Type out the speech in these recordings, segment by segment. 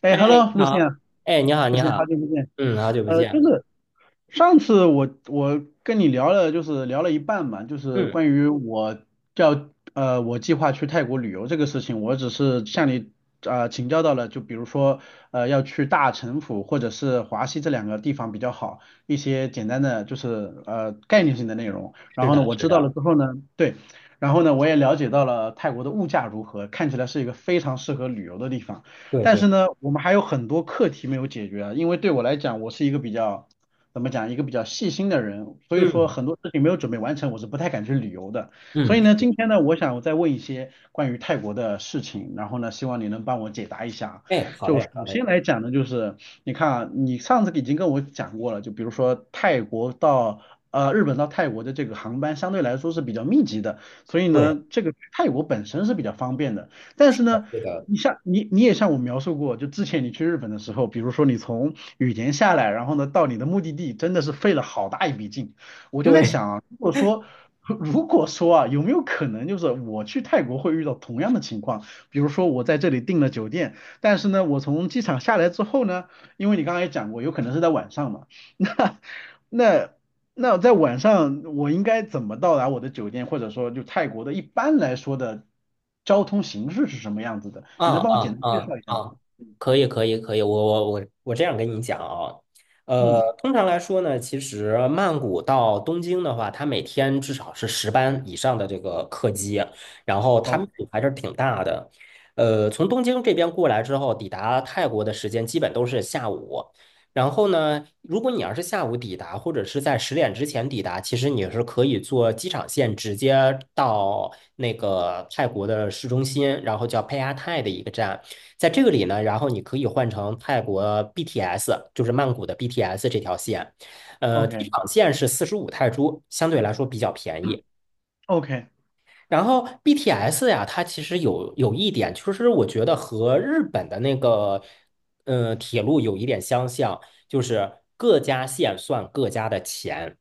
哎哎，，Hello，你露茜啊，好，哎，你好，露你茜，好好。久不见。嗯，好久不就见。是上次我跟你聊了，就是聊了一半嘛，就是关嗯，于我我计划去泰国旅游这个事情，我只是向你请教到了，就比如说要去大城府或者是华西这两个地方比较好，一些简单的就是概念性的内容。然是后呢，的，我是知道了的。之后呢，对，然后呢我也了解到了泰国的物价如何，看起来是一个非常适合旅游的地方。对但对。是呢，我们还有很多课题没有解决啊，因为对我来讲，我是一个比较，怎么讲，一个比较细心的人，所以说嗯很多事情没有准备完成，我是不太敢去旅游的。所嗯，以是呢，的。今天呢，我想再问一些关于泰国的事情，然后呢，希望你能帮我解答一下。哎，好就首嘞，好先嘞。来讲呢，就是你看啊，你上次已经跟我讲过了，就比如说泰国到。日本到泰国的这个航班相对来说是比较密集的，所以对，呢，这个去泰国本身是比较方便的。但是好呢，是的。你像你也向我描述过，就之前你去日本的时候，比如说你从羽田下来，然后呢到你的目的地，真的是费了好大一笔劲。我就在对。想啊，如果说 如果说啊，有没有可能就是我去泰国会遇到同样的情况？比如说我在这里订了酒店，但是呢我从机场下来之后呢，因为你刚才也讲过，有可能是在晚上嘛，那那那在晚上我应该怎么到达我的酒店，或者说就泰国的一般来说的交通形式是什么样子的？你嗯能帮我简嗯单介嗯绍一下吗？嗯，可以，我这样跟你讲啊。嗯通常来说呢，其实曼谷到东京的话，它每天至少是十班以上的这个客机，然后它密，OK 度还是挺大的。从东京这边过来之后，抵达泰国的时间基本都是下午。然后呢，如果你要是下午抵达，或者是在十点之前抵达，其实你是可以坐机场线直接到那个泰国的市中心，然后叫佩阿泰的一个站。在这个里呢，然后你可以换成泰国 BTS，就是曼谷的 BTS 这条线。机 OK 场线是四十五泰铢，相对来说比较便宜。OK 然后 BTS 呀，它其实有一点，就是我觉得和日本的那个，铁路有一点相像，就是各家线算各家的钱。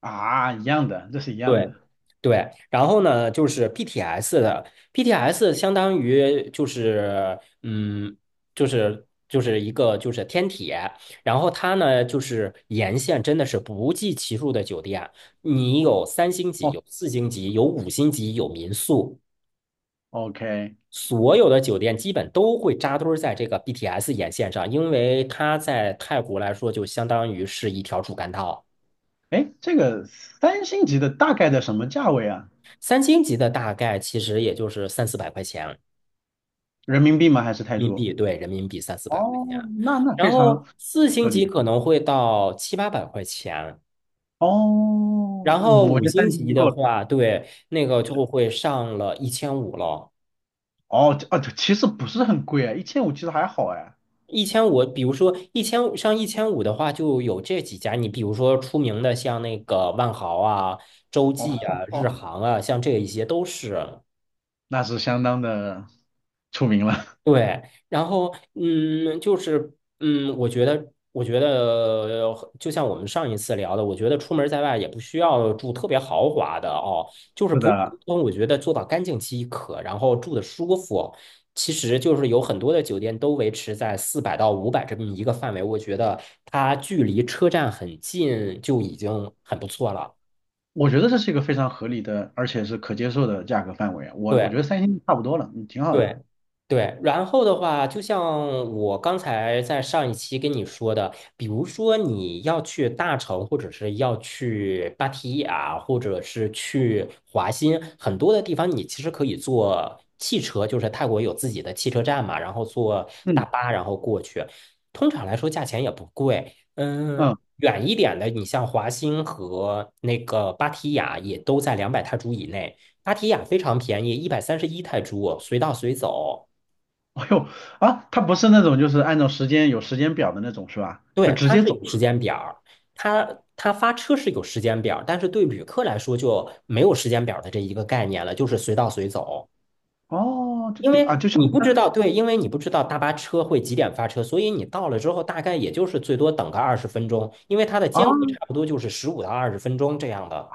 啊，一样的，这是一样对的。对。然后呢，就是 BTS 相当于就是嗯，就是一个就是天铁，然后它呢就是沿线真的是不计其数的酒店。你有三星级，哦有四星级，有五星级，有民宿。，OK，所有的酒店基本都会扎堆儿在这个 BTS 沿线上，因为它在泰国来说就相当于是一条主干道。哎，这个三星级的大概在什么价位啊？三星级的大概其实也就是三四百块钱人人民币吗？还是泰民铢？币，对，人民币三四百块哦，钱。那那然非常后四星合级理。可能会到七八百块钱。哦，然后嗯我五觉得三星星已级经的够了。话，对，那个就会上了一千五了。哦，这啊，这其实不是很贵啊，一千五其实还好哎。一千五，比如说一千上一千五的话，就有这几家。你比如说出名的，像那个万豪啊、洲哦，际啊、日航啊，像这一些都是。那是相当的出名了。对，然后嗯，就是嗯，我觉得就像我们上一次聊的，我觉得出门在外也不需要住特别豪华的哦，就是是普普通的，通，我觉得做到干净即可，然后住的舒服。其实就是有很多的酒店都维持在四百到五百这么一个范围，我觉得它距离车站很近就已经很不错了。我觉得这是一个非常合理的，而且是可接受的价格范围啊我觉对。得三星差不多了，嗯，挺好的。对，对。然后的话，就像我刚才在上一期跟你说的，比如说你要去大城，或者是要去芭提雅，或者是去华新，很多的地方你其实可以坐汽车，就是泰国有自己的汽车站嘛，然后坐大嗯巴然后过去，通常来说价钱也不贵。嗯，嗯，远一点的，你像华欣和那个芭提雅也都在两百泰铢以内。芭提雅非常便宜，一百三十一泰铢，随到随走。哎呦啊，它不是那种就是按照时间有时间表的那种是吧？就对，直它接是走。有时间表儿，它发车是有时间表儿，但是对旅客来说就没有时间表儿的这一个概念了，就是随到随走。哦，就因比啊为就像你不知道，对，因为你不知道大巴车会几点发车，所以你到了之后，大概也就是最多等个二十分钟，因为它的啊，间隔差不多就是十五到二十分钟这样的。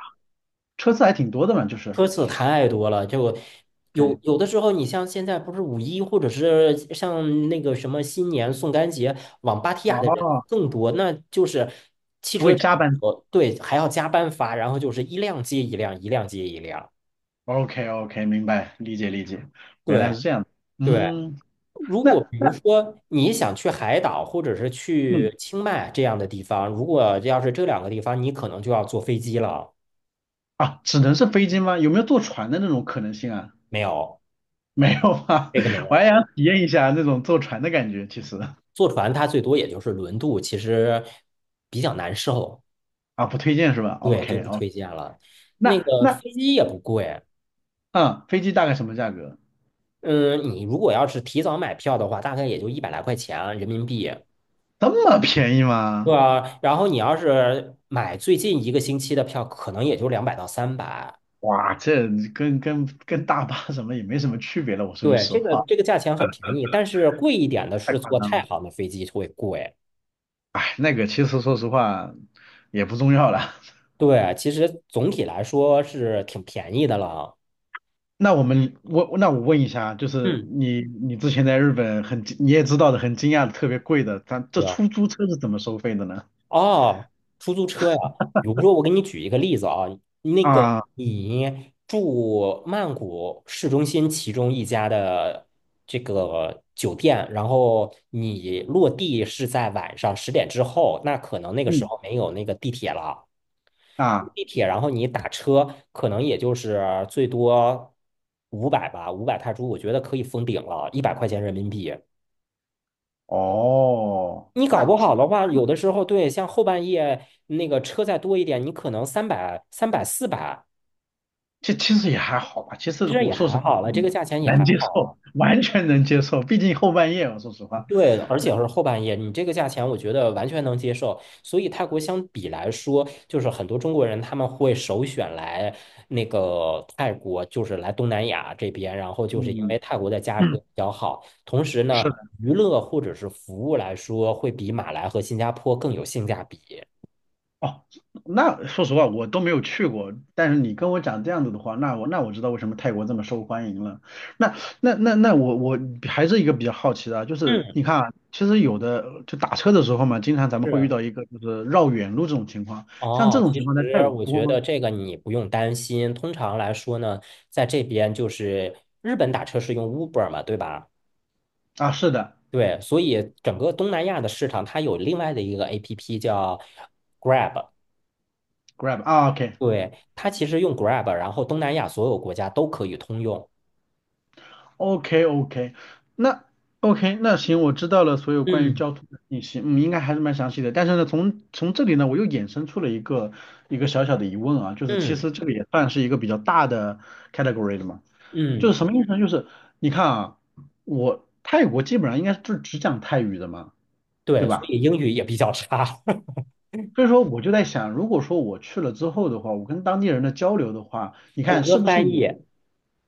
车次还挺多的嘛，就是。车次太多了，就有对。有的时候，你像现在不是五一，或者是像那个什么新年、宋干节，往芭提雅的人哦，更多，那就是汽还车会站加班。多，对，还要加班发，然后就是一辆接一辆，一辆接一辆，OK OK，明白，理解理解，原来对是这样的对。嗯，如果那比那如说你想去海岛，或者是嗯去清迈这样的地方，如果要是这两个地方，你可能就要坐飞机了。啊，只能是飞机吗？有没有坐船的那种可能性啊？没有，没有吧？这个没 我还有，想体验一下那种坐船的感觉，其实坐船它最多也就是轮渡，其实比较难受。啊，不推荐是吧对，就？OK 不 OK，推荐了。那那个那飞机也不贵。嗯，飞机大概什么价格？嗯，你如果要是提早买票的话，大概也就一百来块钱人民币。这么便宜对吗？啊，然后你要是买最近一个星期的票，可能也就两百到三百。哇，这跟大巴什么也没什么区别了。我说句对，实这个话，这个价钱很便宜，但是贵一点的太是夸坐张太了。行的飞机会贵。哎，那个其实说实话也不重要了。对，其实总体来说是挺便宜的了。那我们我那我问一下，就是嗯，你之前在日本很惊你也知道的很惊讶的特别贵的，咱这对啊。出租车是怎么收费的呢？哦，出租车呀，比如说我给你举一个例子啊，那个啊，你住曼谷市中心其中一家的这个酒店，然后你落地是在晚上十点之后，那可能那个时嗯候没有那个地铁了，啊。地铁，然后你打车，可能也就是最多五百吧，五百泰铢，我觉得可以封顶了，一百块钱人民币。哦，你搞那不这好的话，有的时候对，像后半夜那个车再多一点，你可能三百、三百、四百，这其实也还好吧。其实其实我也说实还话，好了，这嗯，个价钱也能还接好受，了。完全能接受。毕竟后半夜啊，我说实话，对，而且是后半夜，你这个价钱我觉得完全能接受。所以泰国相比来说，就是很多中国人他们会首选来那个泰国，就是来东南亚这边，然后就是因嗯为泰国的价格嗯，比较好，同时呢，是的。娱乐或者是服务来说，会比马来和新加坡更有性价比。哦，那说实话，我都没有去过。但是你跟我讲这样子的话，那我知道为什么泰国这么受欢迎了。那那我我还是一个比较好奇的啊，就是嗯，你看啊，其实有的就打车的时候嘛，经常咱们会遇是。到一个就是绕远路这种情况，像这哦，种其情实况在泰国我多觉吗？得这个你不用担心。通常来说呢，在这边就是日本打车是用 Uber 嘛，对吧？啊，是的对，所以整个东南亚的市场，它有另外的一个 APP 叫 Grab。，Grab 啊，OK。对，它其实用 Grab，然后东南亚所有国家都可以通用。OK OK，那 OK 那行，我知道了所有关于嗯交通的信息，嗯，应该还是蛮详细的。但是呢，从这里呢，我又衍生出了一个小小的疑问啊，就是其嗯实这个也算是一个比较大的 category 的嘛，就嗯。是什么意思呢？就是你看啊，我泰国基本上应该就只讲泰语的嘛，对对，所吧？以英语也比较差。所以说我就在想，如果说我去了之后的话，我跟当地人的交流的话，你 谷看歌是不是翻有译。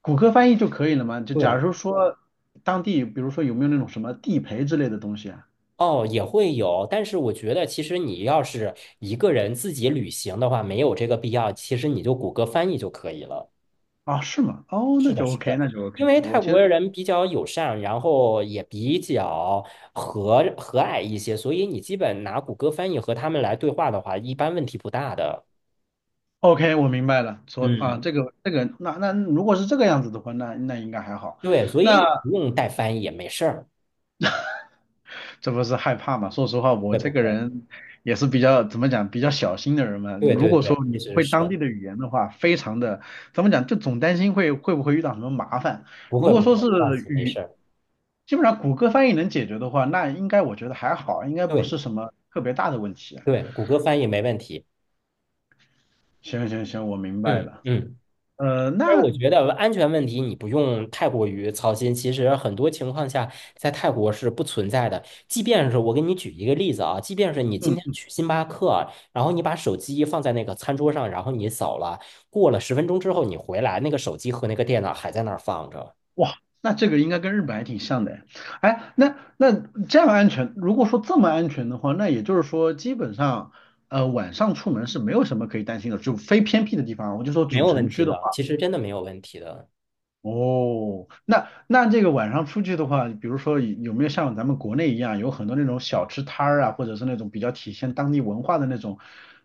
谷歌翻译就可以了吗？就假如对，说说当地，比如说有没有那种什么地陪之类的东西啊？哦，也会有，但是我觉得其实你要是一个人自己旅行的话，没有这个必要，其实你就谷歌翻译就可以了。啊，是吗？哦，那是的，就 是 OK，的，那就 因 OK。为泰我其国实 人比较友善，然后也比较和蔼一些，所以你基本拿谷歌翻译和他们来对话的话，一般问题不大的。OK，我明白了。所啊，嗯，这个这个，那那如果是这个样子的话，那那应该还好。对，所以那你不用带翻译也没事儿。这不是害怕嘛？说实话，我会这不个会？人也是比较怎么讲，比较小心的人嘛。对如对果对，说你其不实会是当地的语言的话，非常的怎么讲，就总担心会不会遇到什么麻烦。不如会果不说是会，放心，没事语，儿。基本上谷歌翻译能解决的话，那应该我觉得还好，应该不对是什么特别大的问题啊对，谷歌翻译没问题。行行行，我明白嗯了。嗯。其实那我觉得安全问题你不用太过于操心。其实很多情况下，在泰国是不存在的。即便是我给你举一个例子啊，即便是你今天嗯，去星巴克啊，然后你把手机放在那个餐桌上，然后你扫了，过了十分钟之后你回来，那个手机和那个电脑还在那儿放着，哇，那这个应该跟日本还挺像的哎。哎那那这样安全，如果说这么安全的话，那也就是说，基本上，晚上出门是没有什么可以担心的，就非偏僻的地方，我就说没主有问城题区的的。话，其实真的没有问题的。哦，那那这个晚上出去的话，比如说有没有像咱们国内一样，有很多那种小吃摊儿啊，或者是那种比较体现当地文化的那种，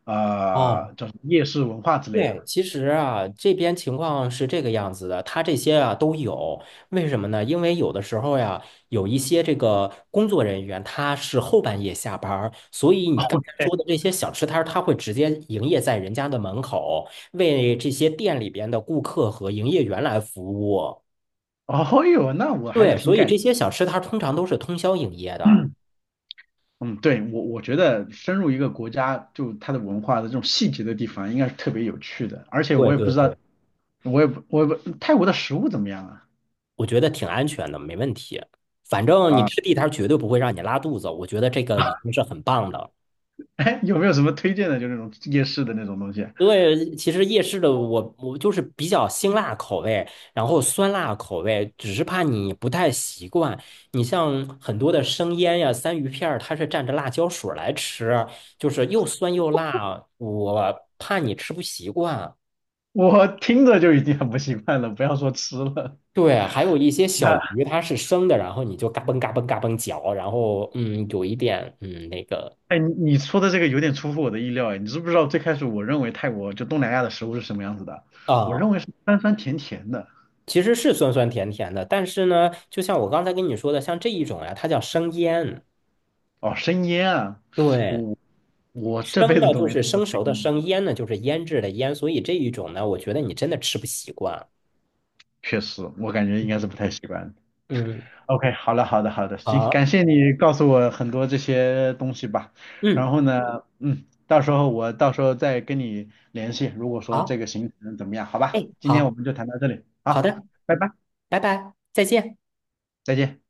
哦，叫什么夜市文化之类的。对，其实啊，这边情况是这个样子的，他这些啊都有。为什么呢？因为有的时候呀，有一些这个工作人员他是后半夜下班儿，所以你刚才说的这些小吃摊儿他会直接营业在人家的门口，为这些店里边的顾客和营业员来服务。哦哟，那我还是对，挺所以感。这些小吃摊儿通常都是通宵营业的。嗯，对，我觉得深入一个国家，就它的文化的这种细节的地方，应该是特别有趣的。而且对我也不对知道，对，我也不泰国的食物怎么样啊？我觉得挺安全的，没问题。反正你啊，吃地摊儿绝对不会让你拉肚子，我觉得这个已 经是很棒的。哎，有没有什么推荐的？就那种夜市的那种东西，对，其实夜市的我就是比较辛辣口味，然后酸辣口味，只是怕你不太习惯。你像很多的生腌呀、三鱼片儿，它是蘸着辣椒水儿来吃，就是又酸又辣，我怕你吃不习惯。我听着就已经很不习惯了，不要说吃了。对，还有一些小那鱼它是生的，然后你就嘎嘣嘎嘣嘎嘣嚼，然后嗯，有一点嗯那个哎，你你说的这个有点出乎我的意料哎，你知不知道最开始我认为泰国就东南亚的食物是什么样子的？我啊。认为是酸酸甜甜的，其实是酸酸甜甜的，但是呢，就像我刚才跟你说的，像这一种呀，它叫生腌。哦，生腌啊，对，我我这生辈子呢都就没吃是过生生熟的腌。生，腌呢就是腌制的腌，所以这一种呢，我觉得你真的吃不习惯。确实，我感觉应该是不太习惯。嗯，OK，好了，好的，好的，行，感好，谢你告诉我很多这些东西吧。然嗯，后呢，嗯，到时候再跟你联系，如果说这好，个行程怎么样，好吧？哎，今天我好，们就谈到这里，好好，的，拜拜，拜拜，再见。再见。